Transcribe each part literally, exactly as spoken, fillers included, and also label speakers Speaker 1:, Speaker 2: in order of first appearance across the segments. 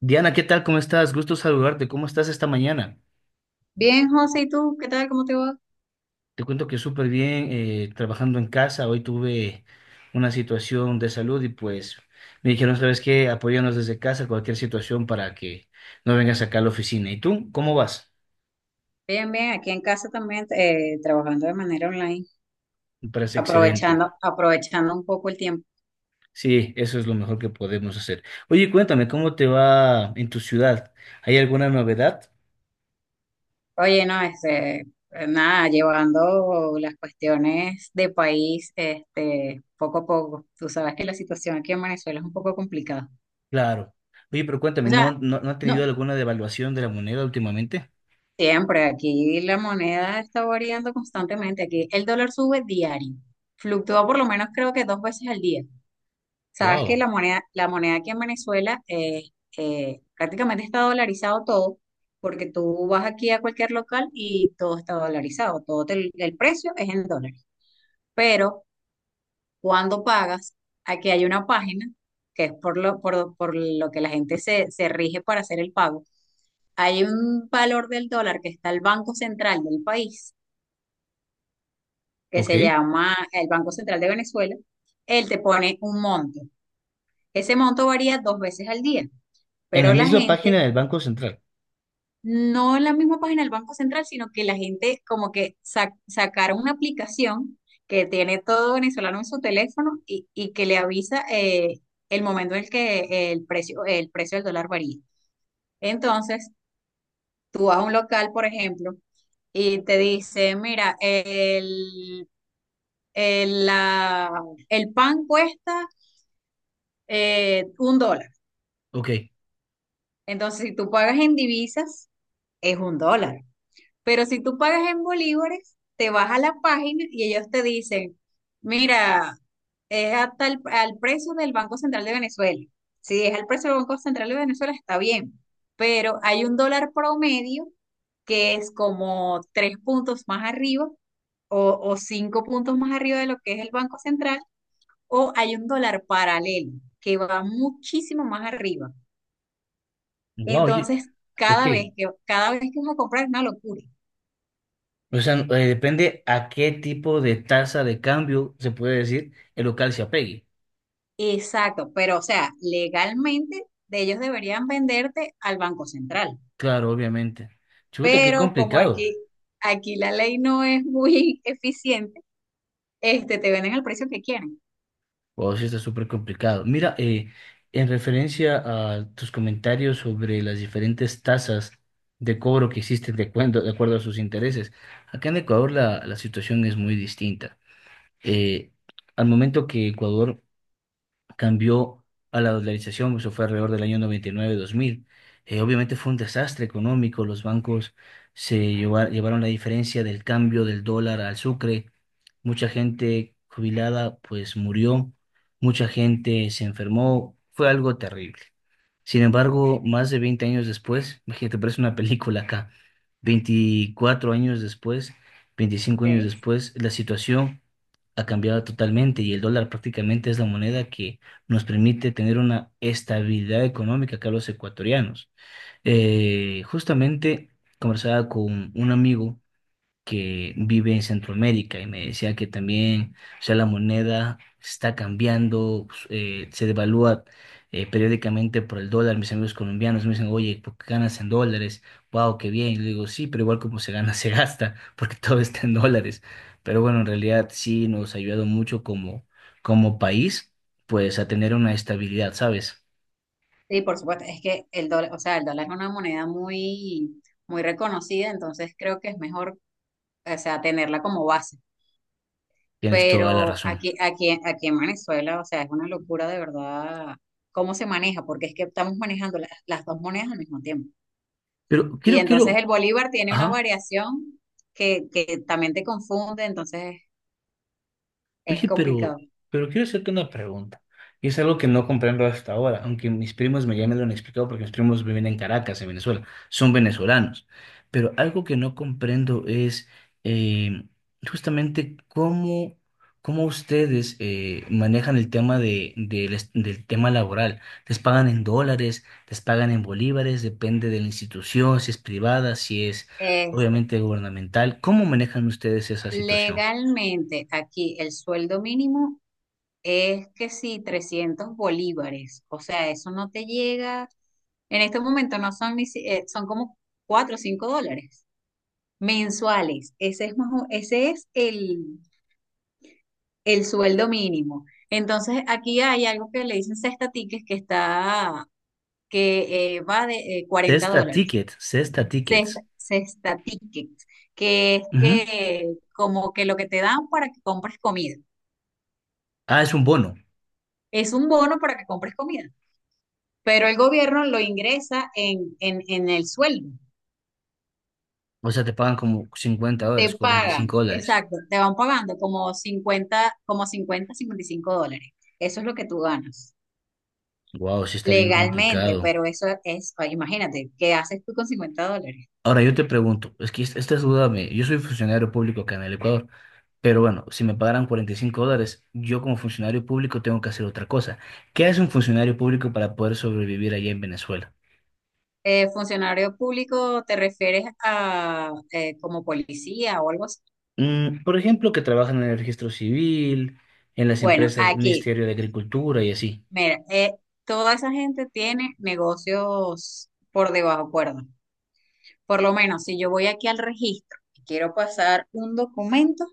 Speaker 1: Diana, ¿qué tal? ¿Cómo estás? Gusto saludarte. ¿Cómo estás esta mañana?
Speaker 2: Bien, José, ¿y tú? ¿Qué tal? ¿Cómo te va?
Speaker 1: Te cuento que súper bien, eh, trabajando en casa. Hoy tuve una situación de salud y pues me dijeron, ¿sabes qué? Apóyanos desde casa, cualquier situación para que no vengas acá a la oficina. ¿Y tú? ¿Cómo vas?
Speaker 2: Bien, bien, aquí en casa también eh, trabajando de manera online,
Speaker 1: Me parece excelente.
Speaker 2: aprovechando, aprovechando un poco el tiempo.
Speaker 1: Sí, eso es lo mejor que podemos hacer. Oye, cuéntame, ¿cómo te va en tu ciudad? ¿Hay alguna novedad?
Speaker 2: Oye, no, este, eh, nada, llevando las cuestiones de país, este, poco a poco. Tú sabes que la situación aquí en Venezuela es un poco complicada.
Speaker 1: Claro. Oye, pero
Speaker 2: O
Speaker 1: cuéntame,
Speaker 2: sea,
Speaker 1: ¿no, no, no ha tenido
Speaker 2: no,
Speaker 1: alguna devaluación de la moneda últimamente?
Speaker 2: siempre aquí la moneda está variando constantemente. Aquí el dólar sube diario, fluctúa por lo menos creo que dos veces al día. Sabes que
Speaker 1: Wow.
Speaker 2: la moneda, la moneda aquí en Venezuela eh, eh, prácticamente está dolarizado todo, porque tú vas aquí a cualquier local y todo está dolarizado, todo te- el precio es en dólares. Pero cuando pagas, aquí hay una página que es por lo, por, por lo que la gente se, se rige para hacer el pago. Hay un valor del dólar que está el Banco Central del país, que se
Speaker 1: Ok.
Speaker 2: llama el Banco Central de Venezuela. Él te pone un monto. Ese monto varía dos veces al día,
Speaker 1: En
Speaker 2: pero
Speaker 1: la
Speaker 2: la
Speaker 1: misma
Speaker 2: gente,
Speaker 1: página del Banco Central.
Speaker 2: no en la misma página del Banco Central, sino que la gente como que sa- sacaron una aplicación que tiene todo venezolano en su teléfono y, y que le avisa eh, el momento en el que el precio, el precio del dólar varía. Entonces, tú vas a un local, por ejemplo, y te dice, mira, el, el, la- el pan cuesta eh, un dólar.
Speaker 1: Ok.
Speaker 2: Entonces, si tú pagas en divisas, es un dólar. Pero si tú pagas en bolívares, te vas a la página y ellos te dicen, mira, es hasta el- al precio del Banco Central de Venezuela. Si es al precio del Banco Central de Venezuela, está bien, pero hay un dólar promedio que es como tres puntos más arriba o, o cinco puntos más arriba de lo que es el Banco Central, o hay un dólar paralelo que va muchísimo más arriba.
Speaker 1: Wow, oye,
Speaker 2: Entonces,
Speaker 1: ok.
Speaker 2: cada vez que, cada vez que vas a comprar es una locura.
Speaker 1: O sea, eh, depende a qué tipo de tasa de cambio se puede decir el local se apegue.
Speaker 2: Exacto, pero o sea, legalmente de ellos deberían venderte al Banco Central,
Speaker 1: Claro, obviamente. Chuta, qué
Speaker 2: pero como
Speaker 1: complicado.
Speaker 2: aquí, aquí la ley no es muy eficiente, este, te venden al precio que quieren.
Speaker 1: Wow, sí está súper complicado. Mira, eh, en referencia a tus comentarios sobre las diferentes tasas de cobro que existen de acuerdo, de acuerdo a sus intereses, acá en Ecuador la, la situación es muy distinta. Eh, al momento que Ecuador cambió a la dolarización, eso fue alrededor del año noventa y nueve-dos mil. Eh, obviamente fue un desastre económico, los bancos se lleva- llevaron la diferencia del cambio del dólar al sucre, mucha gente jubilada pues murió, mucha gente se enfermó, fue algo terrible. Sin embargo, más de veinte años después, imagínate, parece una película acá, veinticuatro años después, veinticinco años
Speaker 2: ¿Ok?
Speaker 1: después, la situación ha cambiado totalmente y el dólar prácticamente es la moneda que nos permite tener una estabilidad económica acá a los ecuatorianos. Eh, justamente conversaba con un amigo que vive en Centroamérica y me decía que también, o sea, la moneda está cambiando, pues, eh, se devalúa eh, periódicamente por el dólar. Mis amigos colombianos me dicen, oye, ¿por qué ganas en dólares? Wow, qué bien. Y le digo, sí, pero igual como se gana, se gasta, porque todo está en dólares. Pero bueno, en realidad sí nos ha ayudado mucho como, como país, pues a tener una estabilidad, ¿sabes?
Speaker 2: Sí, por supuesto, es que el dólar, o sea, el dólar es una moneda muy, muy reconocida, entonces creo que es mejor, o sea, tenerla como base.
Speaker 1: Tienes toda la
Speaker 2: Pero
Speaker 1: razón.
Speaker 2: aquí, aquí, aquí en Venezuela, o sea, es una locura de verdad cómo se maneja, porque es que estamos manejando las, las dos monedas al mismo tiempo.
Speaker 1: Pero
Speaker 2: Y
Speaker 1: quiero,
Speaker 2: entonces
Speaker 1: quiero,
Speaker 2: el bolívar tiene una
Speaker 1: ajá.
Speaker 2: variación que, que también te confunde, entonces es
Speaker 1: Oye, pero,
Speaker 2: complicado.
Speaker 1: pero quiero hacerte una pregunta. Y es algo que no comprendo hasta ahora, aunque mis primos me, ya me lo han explicado porque mis primos viven en Caracas, en Venezuela. Son venezolanos. Pero algo que no comprendo es eh, justamente cómo, cómo ustedes eh, manejan el tema de, del est- del tema laboral. ¿Les pagan en dólares? ¿Les pagan en bolívares? Depende de la institución, si es privada, si es
Speaker 2: Este,
Speaker 1: obviamente gubernamental. ¿Cómo manejan ustedes esa situación?
Speaker 2: legalmente aquí el sueldo mínimo es que sí, trescientos bolívares, o sea, eso no te llega, en este momento no son ni, si- eh, son como cuatro o cinco dólares mensuales, ese es, más o- ese es el, el sueldo mínimo. Entonces aquí hay algo que le dicen sexta tickets que está, que eh, va de eh, 40
Speaker 1: Cesta
Speaker 2: dólares.
Speaker 1: Ticket, Cesta Tickets.
Speaker 2: Cesta tickets, que es
Speaker 1: Ujú.
Speaker 2: que como que lo que te dan para que compres comida.
Speaker 1: Ah, es un bono.
Speaker 2: Es un bono para que compres comida, pero el gobierno lo ingresa en, en, en el sueldo.
Speaker 1: O sea, te pagan como cincuenta
Speaker 2: Te
Speaker 1: dólares, cuarenta y cinco
Speaker 2: pagan,
Speaker 1: dólares.
Speaker 2: exacto, te van pagando como cincuenta como cincuenta, cincuenta y cinco dólares. Eso es lo que tú ganas
Speaker 1: Wow, sí está bien
Speaker 2: legalmente,
Speaker 1: complicado.
Speaker 2: pero eso es, ay, imagínate, ¿qué haces tú con cincuenta dólares?
Speaker 1: Ahora yo te pregunto, es que es- esta es duda mía. Yo soy funcionario público acá en el Ecuador, pero bueno, si me pagaran cuarenta y cinco dólares, yo como funcionario público tengo que hacer otra cosa. ¿Qué hace un funcionario público para poder sobrevivir allá en Venezuela?
Speaker 2: Eh, funcionario público, ¿te refieres a eh, como policía o algo así?
Speaker 1: Mm, por ejemplo, que trabajan en el registro civil, en las
Speaker 2: Bueno,
Speaker 1: empresas,
Speaker 2: aquí
Speaker 1: Ministerio de Agricultura y así.
Speaker 2: Mira, eh, toda esa gente tiene negocios por debajo cuerda. Por lo menos, si yo voy aquí al registro y quiero pasar un documento,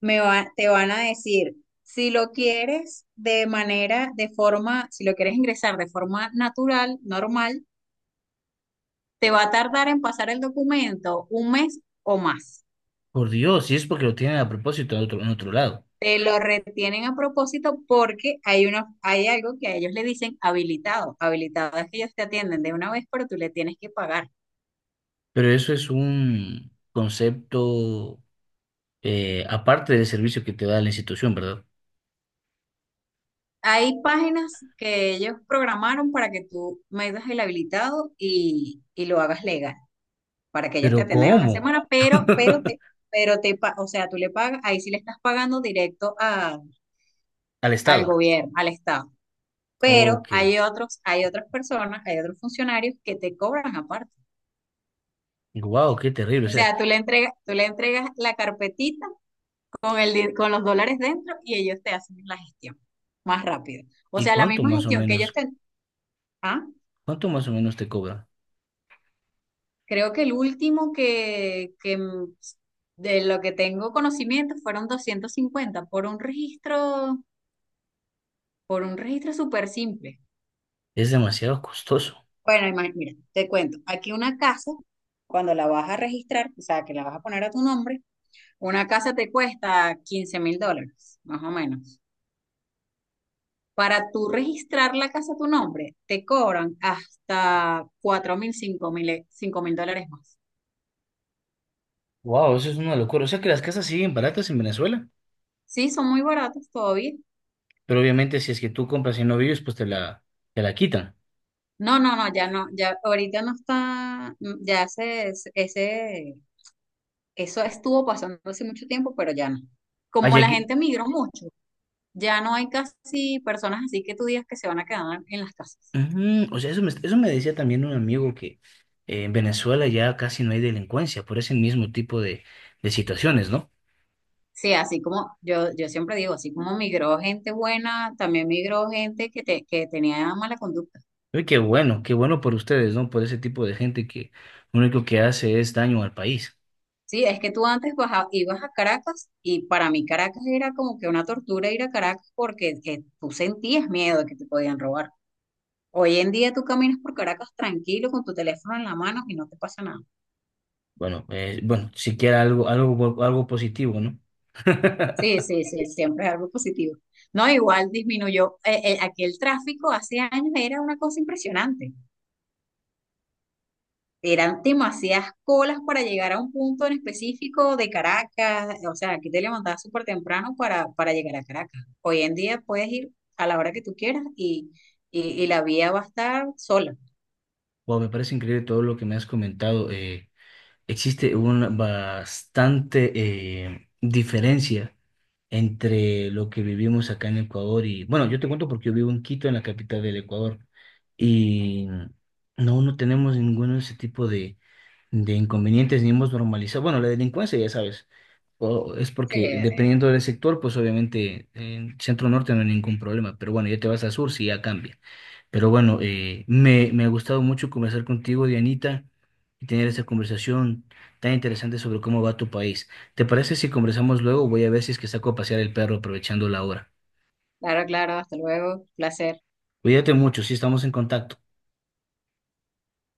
Speaker 2: me va- te van a decir, si lo quieres de manera, de forma, si lo quieres ingresar de forma natural, normal, te va a tardar en pasar el documento un mes o más.
Speaker 1: Por Dios, si es porque lo tienen a propósito en otro, en otro lado.
Speaker 2: Te lo retienen a propósito porque hay una, hay algo que a ellos le dicen habilitado. Habilitado es que ellos te atienden de una vez, pero tú le tienes que pagar.
Speaker 1: Pero eso es un concepto eh, aparte del servicio que te da la institución, ¿verdad?
Speaker 2: Hay páginas que ellos programaron para que tú metas el habilitado y, y lo hagas legal, para que ellos te
Speaker 1: Pero
Speaker 2: atiendan una
Speaker 1: ¿cómo?
Speaker 2: semana, pero, pero te, pero te, pa- o sea, tú le pagas, ahí sí le estás pagando directo a-
Speaker 1: Al
Speaker 2: al
Speaker 1: Estado.
Speaker 2: gobierno, al Estado. Pero
Speaker 1: Ok.
Speaker 2: hay otros, hay otras personas, hay otros funcionarios que te cobran aparte.
Speaker 1: Wow, qué terrible. O
Speaker 2: O
Speaker 1: sea,
Speaker 2: sea, tú le entregas, tú le entregas la carpetita con el, di- con los dólares dentro y ellos te hacen la gestión más rápido. O
Speaker 1: ¿y
Speaker 2: sea, la
Speaker 1: cuánto
Speaker 2: misma
Speaker 1: más o
Speaker 2: gestión que ellos
Speaker 1: menos,
Speaker 2: te, ¿ah?
Speaker 1: cuánto más o menos te cobra?
Speaker 2: Creo que el último que, que mm, de lo que tengo conocimiento fueron doscientos cincuenta por un registro, por un registro, súper simple.
Speaker 1: Es demasiado costoso.
Speaker 2: Bueno, ima- mira, te cuento, aquí una casa, cuando la vas a registrar, o sea, que la vas a poner a tu nombre, una casa te cuesta quince mil dólares, más o menos. Para tú registrar la casa a tu nombre, te cobran hasta cuatro mil, cinco mil, eh, cinco mil dólares más.
Speaker 1: Wow, eso es una locura. O sea que las casas siguen baratas en Venezuela,
Speaker 2: Sí, son muy baratos todavía.
Speaker 1: pero obviamente si es que tú compras y no vives, pues te la, te la quitan.
Speaker 2: No, no, no, ya no, ya ahorita no está, mm, ya se- ese, eso estuvo pasando hace mucho tiempo, pero ya no. Como
Speaker 1: Allá,
Speaker 2: la gente migró mucho, ya no hay casi personas así que tú digas que se van a quedar en las casas.
Speaker 1: ujú, o sea, eso me, eso me decía también un amigo que eh, en Venezuela ya casi no hay delincuencia por ese mismo tipo de, de situaciones, ¿no?
Speaker 2: Sí, así como yo, yo siempre digo, así como migró gente buena, también migró gente que, te, que tenía mala conducta.
Speaker 1: Uy, qué bueno, qué bueno por ustedes, ¿no? Por ese tipo de gente que lo único que hace es daño al país.
Speaker 2: Sí, es que tú antes baja- ibas a Caracas y para mí Caracas era como que una tortura ir a Caracas porque eh, tú sentías miedo de que te podían robar. Hoy en día tú caminas por Caracas tranquilo con tu teléfono en la mano y no te pasa nada.
Speaker 1: Bueno, eh, bueno, siquiera algo, algo, bu- algo positivo, ¿no?
Speaker 2: Sí, sí, sí, siempre es algo positivo. No, igual disminuyó. eh, eh, aquí el tráfico hace años era una cosa impresionante. Eran demasiadas colas para llegar a un punto en específico de Caracas. O sea, aquí te levantabas súper temprano para, para llegar a Caracas. Hoy en día puedes ir a la hora que tú quieras y, y, y la vía va a estar sola.
Speaker 1: Wow, me parece increíble todo lo que me has comentado. eh, existe una bastante eh, diferencia entre lo que vivimos acá en Ecuador y, bueno, yo te cuento porque yo vivo en Quito, en la capital del Ecuador, y no, no tenemos ninguno de ese tipo de, de inconvenientes ni hemos normalizado. Bueno, la delincuencia, ya sabes, o- es
Speaker 2: Sí,
Speaker 1: porque
Speaker 2: eh,
Speaker 1: dependiendo del sector, pues obviamente en Centro Norte no hay ningún problema, pero bueno, ya te vas a Sur, sí ya cambia. Pero bueno, eh, me, me ha gustado mucho conversar contigo, Dianita, y tener esta conversación tan interesante sobre cómo va tu país. ¿Te parece si conversamos luego? Voy a ver si es que saco a pasear el perro aprovechando la hora.
Speaker 2: claro, claro, hasta luego. Placer.
Speaker 1: Cuídate mucho, sí estamos en contacto.